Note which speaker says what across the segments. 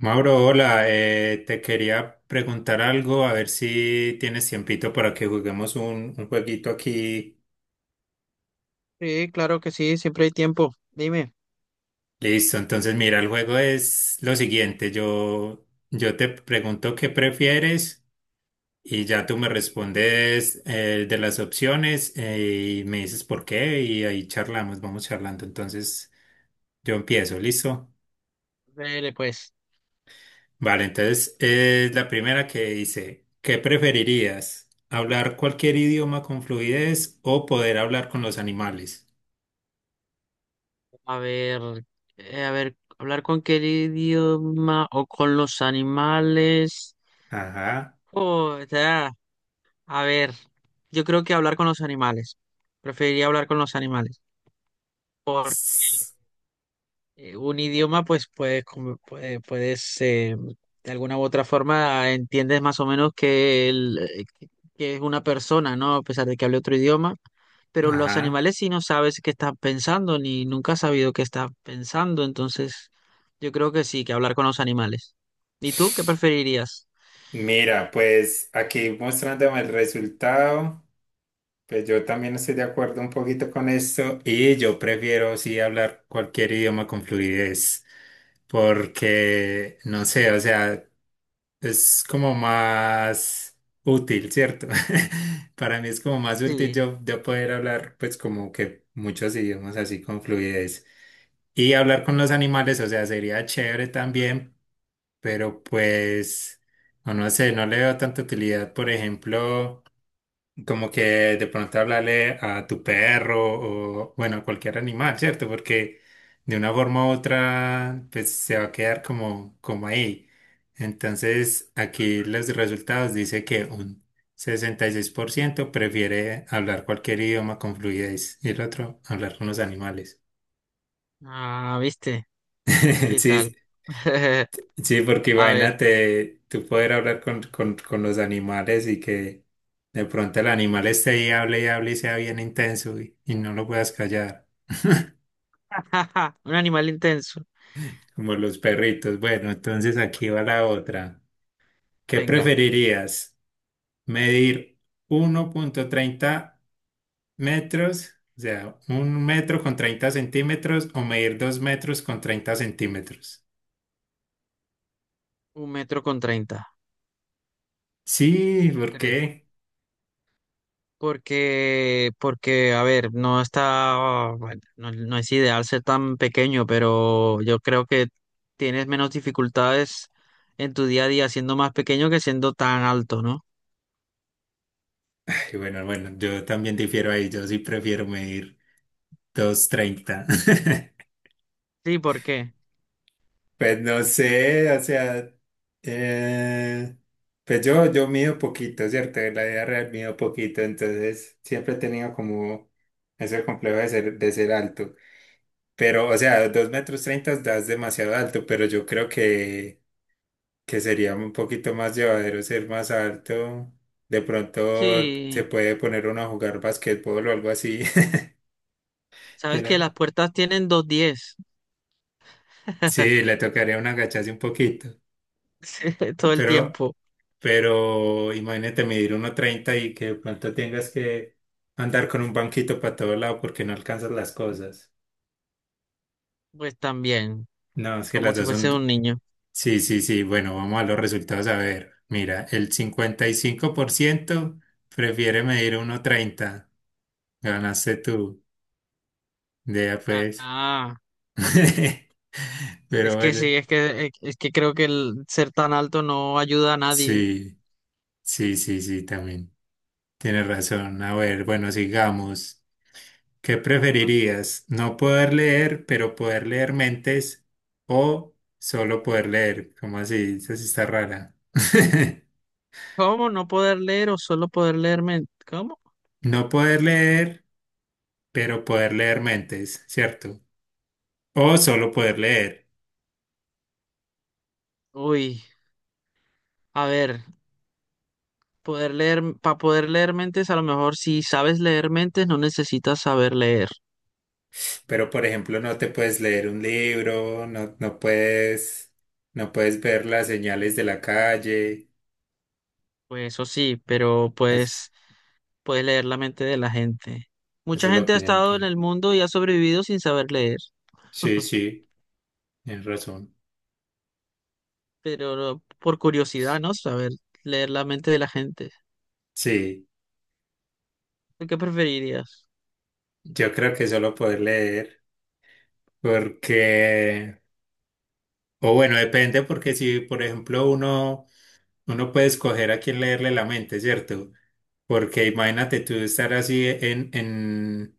Speaker 1: Mauro, hola, te quería preguntar algo, a ver si tienes tiempito para que juguemos un jueguito aquí.
Speaker 2: Sí, claro que sí, siempre hay tiempo. Dime.
Speaker 1: Listo, entonces mira, el juego es lo siguiente, yo te pregunto qué prefieres y ya tú me respondes de las opciones y me dices por qué y ahí charlamos, vamos charlando. Entonces yo empiezo, ¿listo?
Speaker 2: Dele, pues.
Speaker 1: Vale, entonces es la primera que dice, ¿qué preferirías? ¿Hablar cualquier idioma con fluidez o poder hablar con los animales?
Speaker 2: A ver, a ver, hablar con qué idioma o con los animales.
Speaker 1: Ajá.
Speaker 2: Oh, ya, a ver, yo creo que hablar con los animales. Preferiría hablar con los animales.
Speaker 1: Ss,
Speaker 2: Un idioma, pues puedes, de alguna u otra forma, entiendes más o menos que, que es una persona, ¿no? A pesar de que hable otro idioma. Pero los
Speaker 1: Ajá.
Speaker 2: animales sí no sabes qué están pensando, ni nunca has sabido qué están pensando. Entonces, yo creo que sí, que hablar con los animales. ¿Y tú qué preferirías?
Speaker 1: Mira, pues aquí mostrándome el resultado, pues yo también estoy de acuerdo un poquito con esto y yo prefiero sí hablar cualquier idioma con fluidez porque, no sé, o sea... es como más útil, ¿cierto? Para mí es como más útil
Speaker 2: Sí.
Speaker 1: yo poder hablar pues como que muchos idiomas así con fluidez. Y hablar con los animales, o sea, sería chévere también, pero pues, no sé, no le veo tanta utilidad, por ejemplo. Como que de pronto hablarle a tu perro o, bueno, a cualquier animal, ¿cierto? Porque de una forma u otra, pues se va a quedar como, como ahí. Entonces, aquí los resultados dice que un 66% prefiere hablar cualquier idioma con fluidez y el otro hablar con los animales.
Speaker 2: Ah, ¿viste? ¿Qué
Speaker 1: Sí,
Speaker 2: tal?
Speaker 1: sí, porque
Speaker 2: A ver.
Speaker 1: imagínate tú poder hablar con, con los animales y que de pronto el animal esté ahí, hable y hable y sea bien intenso y no lo puedas callar,
Speaker 2: Un animal intenso.
Speaker 1: como los perritos. Bueno, entonces aquí va la otra. ¿Qué
Speaker 2: Venga,
Speaker 1: preferirías? ¿Medir uno punto treinta metros, o sea, un metro con 30 centímetros o medir dos metros con 30 centímetros?
Speaker 2: 1,30 m.
Speaker 1: Sí, ¿por qué?
Speaker 2: Porque, a ver, no está, bueno, no, no es ideal ser tan pequeño, pero yo creo que tienes menos dificultades en tu día a día siendo más pequeño que siendo tan alto, ¿no?
Speaker 1: Ay, bueno, bueno, yo también difiero ahí, yo sí prefiero medir dos treinta.
Speaker 2: Sí, ¿por qué?
Speaker 1: Pues no sé, o sea, eh, pues yo mido poquito, ¿cierto? En la vida real mido poquito, entonces siempre he tenido como ese complejo de ser alto. Pero, o sea, dos metros treinta das demasiado alto, pero yo creo que sería un poquito más llevadero ser más alto. De pronto se
Speaker 2: Sí,
Speaker 1: puede poner uno a jugar basquetbol o algo así.
Speaker 2: sabes
Speaker 1: Pero
Speaker 2: que las puertas tienen 2,10.
Speaker 1: sí, le tocaría un agacharse un poquito.
Speaker 2: Sí, todo el
Speaker 1: Pero,
Speaker 2: tiempo,
Speaker 1: pero imagínate medir uno treinta y que de pronto tengas que andar con un banquito para todo lado porque no alcanzas las cosas.
Speaker 2: pues también,
Speaker 1: No, es que
Speaker 2: como
Speaker 1: las
Speaker 2: si
Speaker 1: dos
Speaker 2: fuese un
Speaker 1: son...
Speaker 2: niño.
Speaker 1: Sí, sí, sí. Bueno, vamos a los resultados a ver. Mira, el 55% prefiere medir uno treinta. Ganaste tú. Ya pues.
Speaker 2: Ah,
Speaker 1: Pero
Speaker 2: es que
Speaker 1: bueno,
Speaker 2: sí, es que creo que el ser tan alto no ayuda a nadie.
Speaker 1: sí, sí, sí, sí, también. Tienes razón. A ver, bueno, sigamos. ¿Qué preferirías? ¿No poder leer, pero poder leer mentes o solo poder leer? ¿Cómo así? Esa sí está rara.
Speaker 2: ¿Cómo no poder leer o solo poder leer mentes? ¿Cómo?
Speaker 1: No poder leer, pero poder leer mentes, ¿cierto? O solo poder leer.
Speaker 2: Uy, a ver, poder leer, para poder leer mentes, a lo mejor si sabes leer mentes, no necesitas saber leer.
Speaker 1: Pero, por ejemplo, no te puedes leer un libro, no puedes, no puedes ver las señales de la calle.
Speaker 2: Pues eso sí, pero
Speaker 1: Es-
Speaker 2: pues puedes leer la mente de la gente.
Speaker 1: Eso
Speaker 2: Mucha
Speaker 1: es lo
Speaker 2: gente ha
Speaker 1: que yo no
Speaker 2: estado en
Speaker 1: entiendo.
Speaker 2: el mundo y ha sobrevivido sin saber leer.
Speaker 1: Sí, sí, tienes razón.
Speaker 2: Pero por curiosidad, ¿no? Saber leer la mente de la gente.
Speaker 1: Sí,
Speaker 2: ¿Tú? ¿Qué preferirías?
Speaker 1: yo creo que solo poder leer, porque... O bueno, depende porque si, por ejemplo, uno puede escoger a quién leerle la mente, ¿cierto? Porque imagínate tú estar así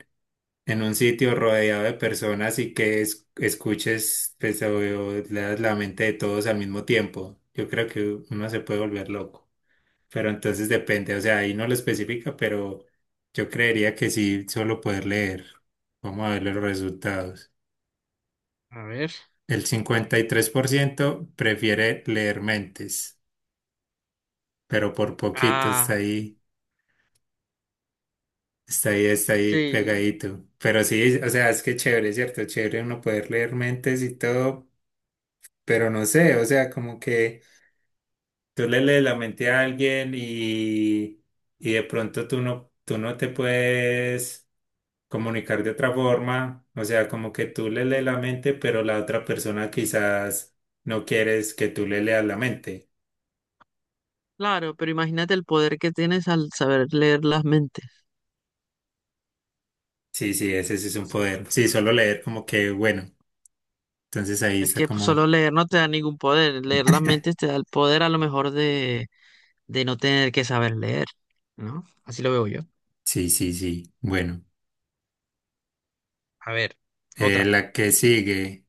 Speaker 1: en un sitio rodeado de personas y que escuches, pues, o leas la mente de todos al mismo tiempo. Yo creo que uno se puede volver loco. Pero entonces depende, o sea, ahí no lo especifica, pero yo creería que sí, solo poder leer. Vamos a ver los resultados.
Speaker 2: A ver.
Speaker 1: El 53% prefiere leer mentes, pero por poquito está
Speaker 2: Ah,
Speaker 1: ahí, está ahí, está ahí
Speaker 2: sí.
Speaker 1: pegadito. Pero sí, o sea, es que chévere, ¿cierto? Chévere uno poder leer mentes y todo, pero no sé, o sea, como que tú le lees la mente a alguien y de pronto tú no te puedes comunicar de otra forma, o sea, como que tú le lees la mente, pero la otra persona quizás no quieres que tú le leas la mente.
Speaker 2: Claro, pero imagínate el poder que tienes al saber leer las mentes.
Speaker 1: Sí, sí, ese sí es
Speaker 2: O
Speaker 1: un
Speaker 2: sea,
Speaker 1: poder. Sí, solo leer como que, bueno, entonces ahí
Speaker 2: es
Speaker 1: está
Speaker 2: que pues, solo
Speaker 1: como,
Speaker 2: leer no te da ningún poder. Leer las mentes te da el poder a lo mejor de, no tener que saber leer, ¿no? Así lo veo yo.
Speaker 1: sí, sí, sí, bueno.
Speaker 2: A ver, otra.
Speaker 1: La que sigue,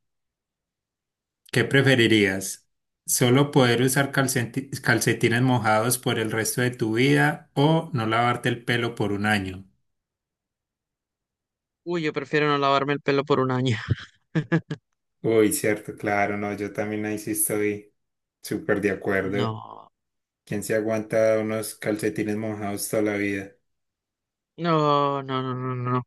Speaker 1: ¿qué preferirías? ¿Solo poder usar calcetines mojados por el resto de tu vida o no lavarte el pelo por un año?
Speaker 2: Uy, yo prefiero no lavarme el pelo por un año.
Speaker 1: Uy, cierto, claro, no, yo también ahí sí estoy súper de acuerdo.
Speaker 2: No,
Speaker 1: ¿Quién se aguanta unos calcetines mojados toda la vida?
Speaker 2: no, no, no, no, no,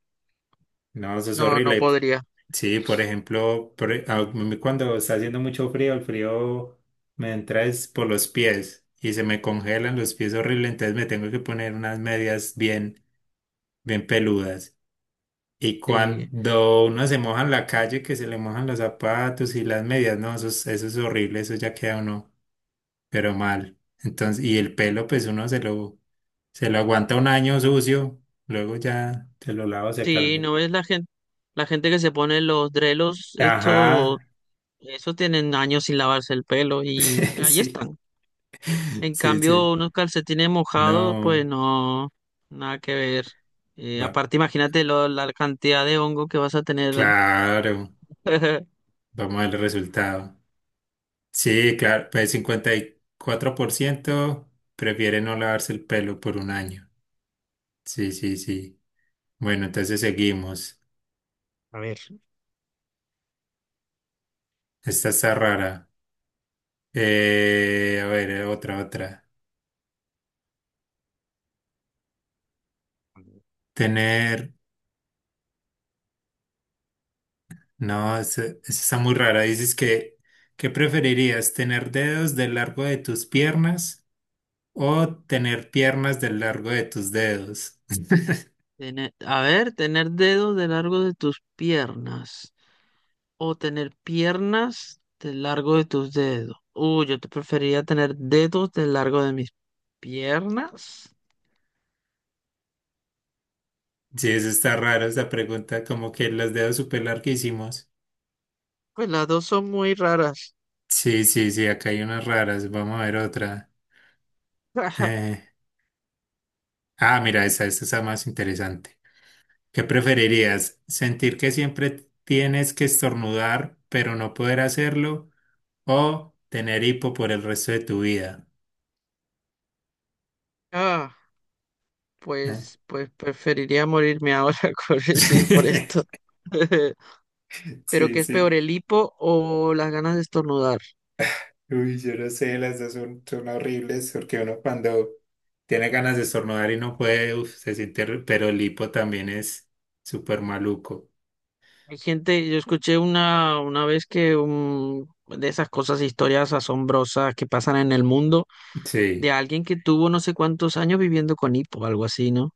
Speaker 1: No, eso es
Speaker 2: no, no
Speaker 1: horrible.
Speaker 2: podría.
Speaker 1: Sí, por ejemplo, a mí cuando está haciendo mucho frío, el frío me entra es por los pies y se me congelan los pies horrible, entonces me tengo que poner unas medias bien, bien peludas. Y
Speaker 2: Sí,
Speaker 1: cuando uno se moja en la calle, que se le mojan los zapatos y las medias, no, eso es horrible, eso ya queda uno, pero mal. Entonces, y el pelo, pues uno se lo aguanta un año sucio, luego ya se lo lavo, se
Speaker 2: sí,
Speaker 1: calve.
Speaker 2: no ves la gente que se pone los drelos, esto,
Speaker 1: Ajá,
Speaker 2: eso tienen años sin lavarse el pelo y ahí
Speaker 1: sí.
Speaker 2: están. En
Speaker 1: Sí,
Speaker 2: cambio,
Speaker 1: sí.
Speaker 2: unos calcetines mojados, pues
Speaker 1: No.
Speaker 2: no, nada que ver.
Speaker 1: Va,
Speaker 2: Aparte, imagínate la cantidad de hongo que vas a tener.
Speaker 1: claro. Vamos a ver el resultado. Sí, claro. Pues 54% prefiere no lavarse el pelo por un año. Sí, sí, sí. Bueno, entonces seguimos.
Speaker 2: A ver.
Speaker 1: Esta está rara. A ver, otra, otra. Tener. No, esta está muy rara. Dices que, ¿qué preferirías? ¿Tener dedos del largo de tus piernas o tener piernas del largo de tus dedos?
Speaker 2: A ver, tener dedos de largo de tus piernas o tener piernas de largo de tus dedos. Uy, yo te preferiría tener dedos de largo de mis piernas.
Speaker 1: Sí, eso está raro, esta pregunta, como que las dedos súper larguísimos.
Speaker 2: Pues las dos son muy raras.
Speaker 1: Sí, sí, sí, acá hay unas raras. Vamos a ver otra. Eh, ah, mira, esta está más interesante. ¿Qué preferirías? ¿Sentir que siempre tienes que estornudar, pero no poder hacerlo? ¿O tener hipo por el resto de tu vida?
Speaker 2: Ah,
Speaker 1: Eh.
Speaker 2: pues, preferiría morirme ahora sí, por esto. Pero
Speaker 1: Sí,
Speaker 2: ¿qué es
Speaker 1: sí.
Speaker 2: peor, el hipo o las ganas de estornudar?
Speaker 1: Uy, yo no sé, las dos son, son horribles porque uno cuando tiene ganas de estornudar y no puede, uf, se siente, horri- pero el hipo también es súper maluco.
Speaker 2: Hay gente, yo escuché una vez que de esas cosas, historias asombrosas que pasan en el mundo,
Speaker 1: Sí.
Speaker 2: de alguien que tuvo no sé cuántos años viviendo con hipo, algo así, ¿no?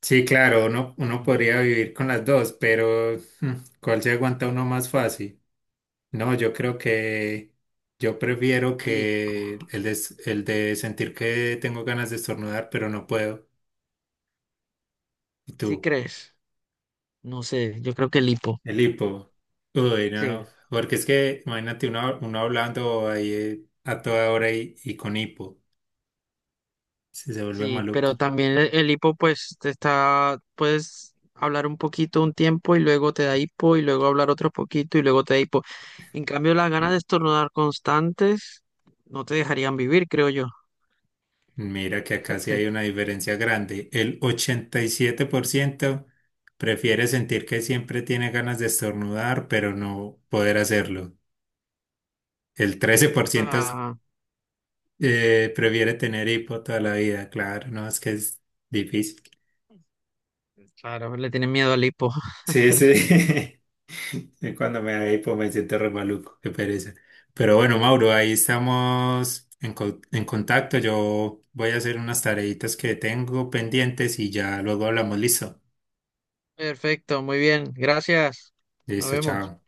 Speaker 1: Sí, claro, uno, uno podría vivir con las dos, pero ¿cuál se aguanta uno más fácil? No, yo creo que yo prefiero
Speaker 2: El hipo.
Speaker 1: que el de sentir que tengo ganas de estornudar, pero no puedo. ¿Y
Speaker 2: ¿Sí
Speaker 1: tú?
Speaker 2: crees? No sé, yo creo que el hipo.
Speaker 1: El hipo. Uy,
Speaker 2: Sí.
Speaker 1: no. Porque es que, imagínate uno, uno hablando ahí a toda hora y con hipo. Se vuelve
Speaker 2: Sí, pero
Speaker 1: maluco.
Speaker 2: también el hipo, pues, te está, puedes hablar un poquito un tiempo y luego te da hipo y luego hablar otro poquito y luego te da hipo. En cambio, las ganas de estornudar constantes no te dejarían vivir, creo yo.
Speaker 1: Mira que acá sí hay una diferencia grande. El 87% prefiere sentir que siempre tiene ganas de estornudar, pero no poder hacerlo. El 13%
Speaker 2: Ah,
Speaker 1: prefiere tener hipo toda la vida. Claro, no, es que es difícil.
Speaker 2: claro, le tienen miedo al hipo.
Speaker 1: Sí, sí. Y cuando me da hipo me siento re maluco, qué pereza. Pero bueno, Mauro, ahí estamos en, en contacto. Yo voy a hacer unas tareitas que tengo pendientes y ya luego hablamos. Listo.
Speaker 2: Perfecto, muy bien, gracias. Nos
Speaker 1: Listo,
Speaker 2: vemos.
Speaker 1: chao.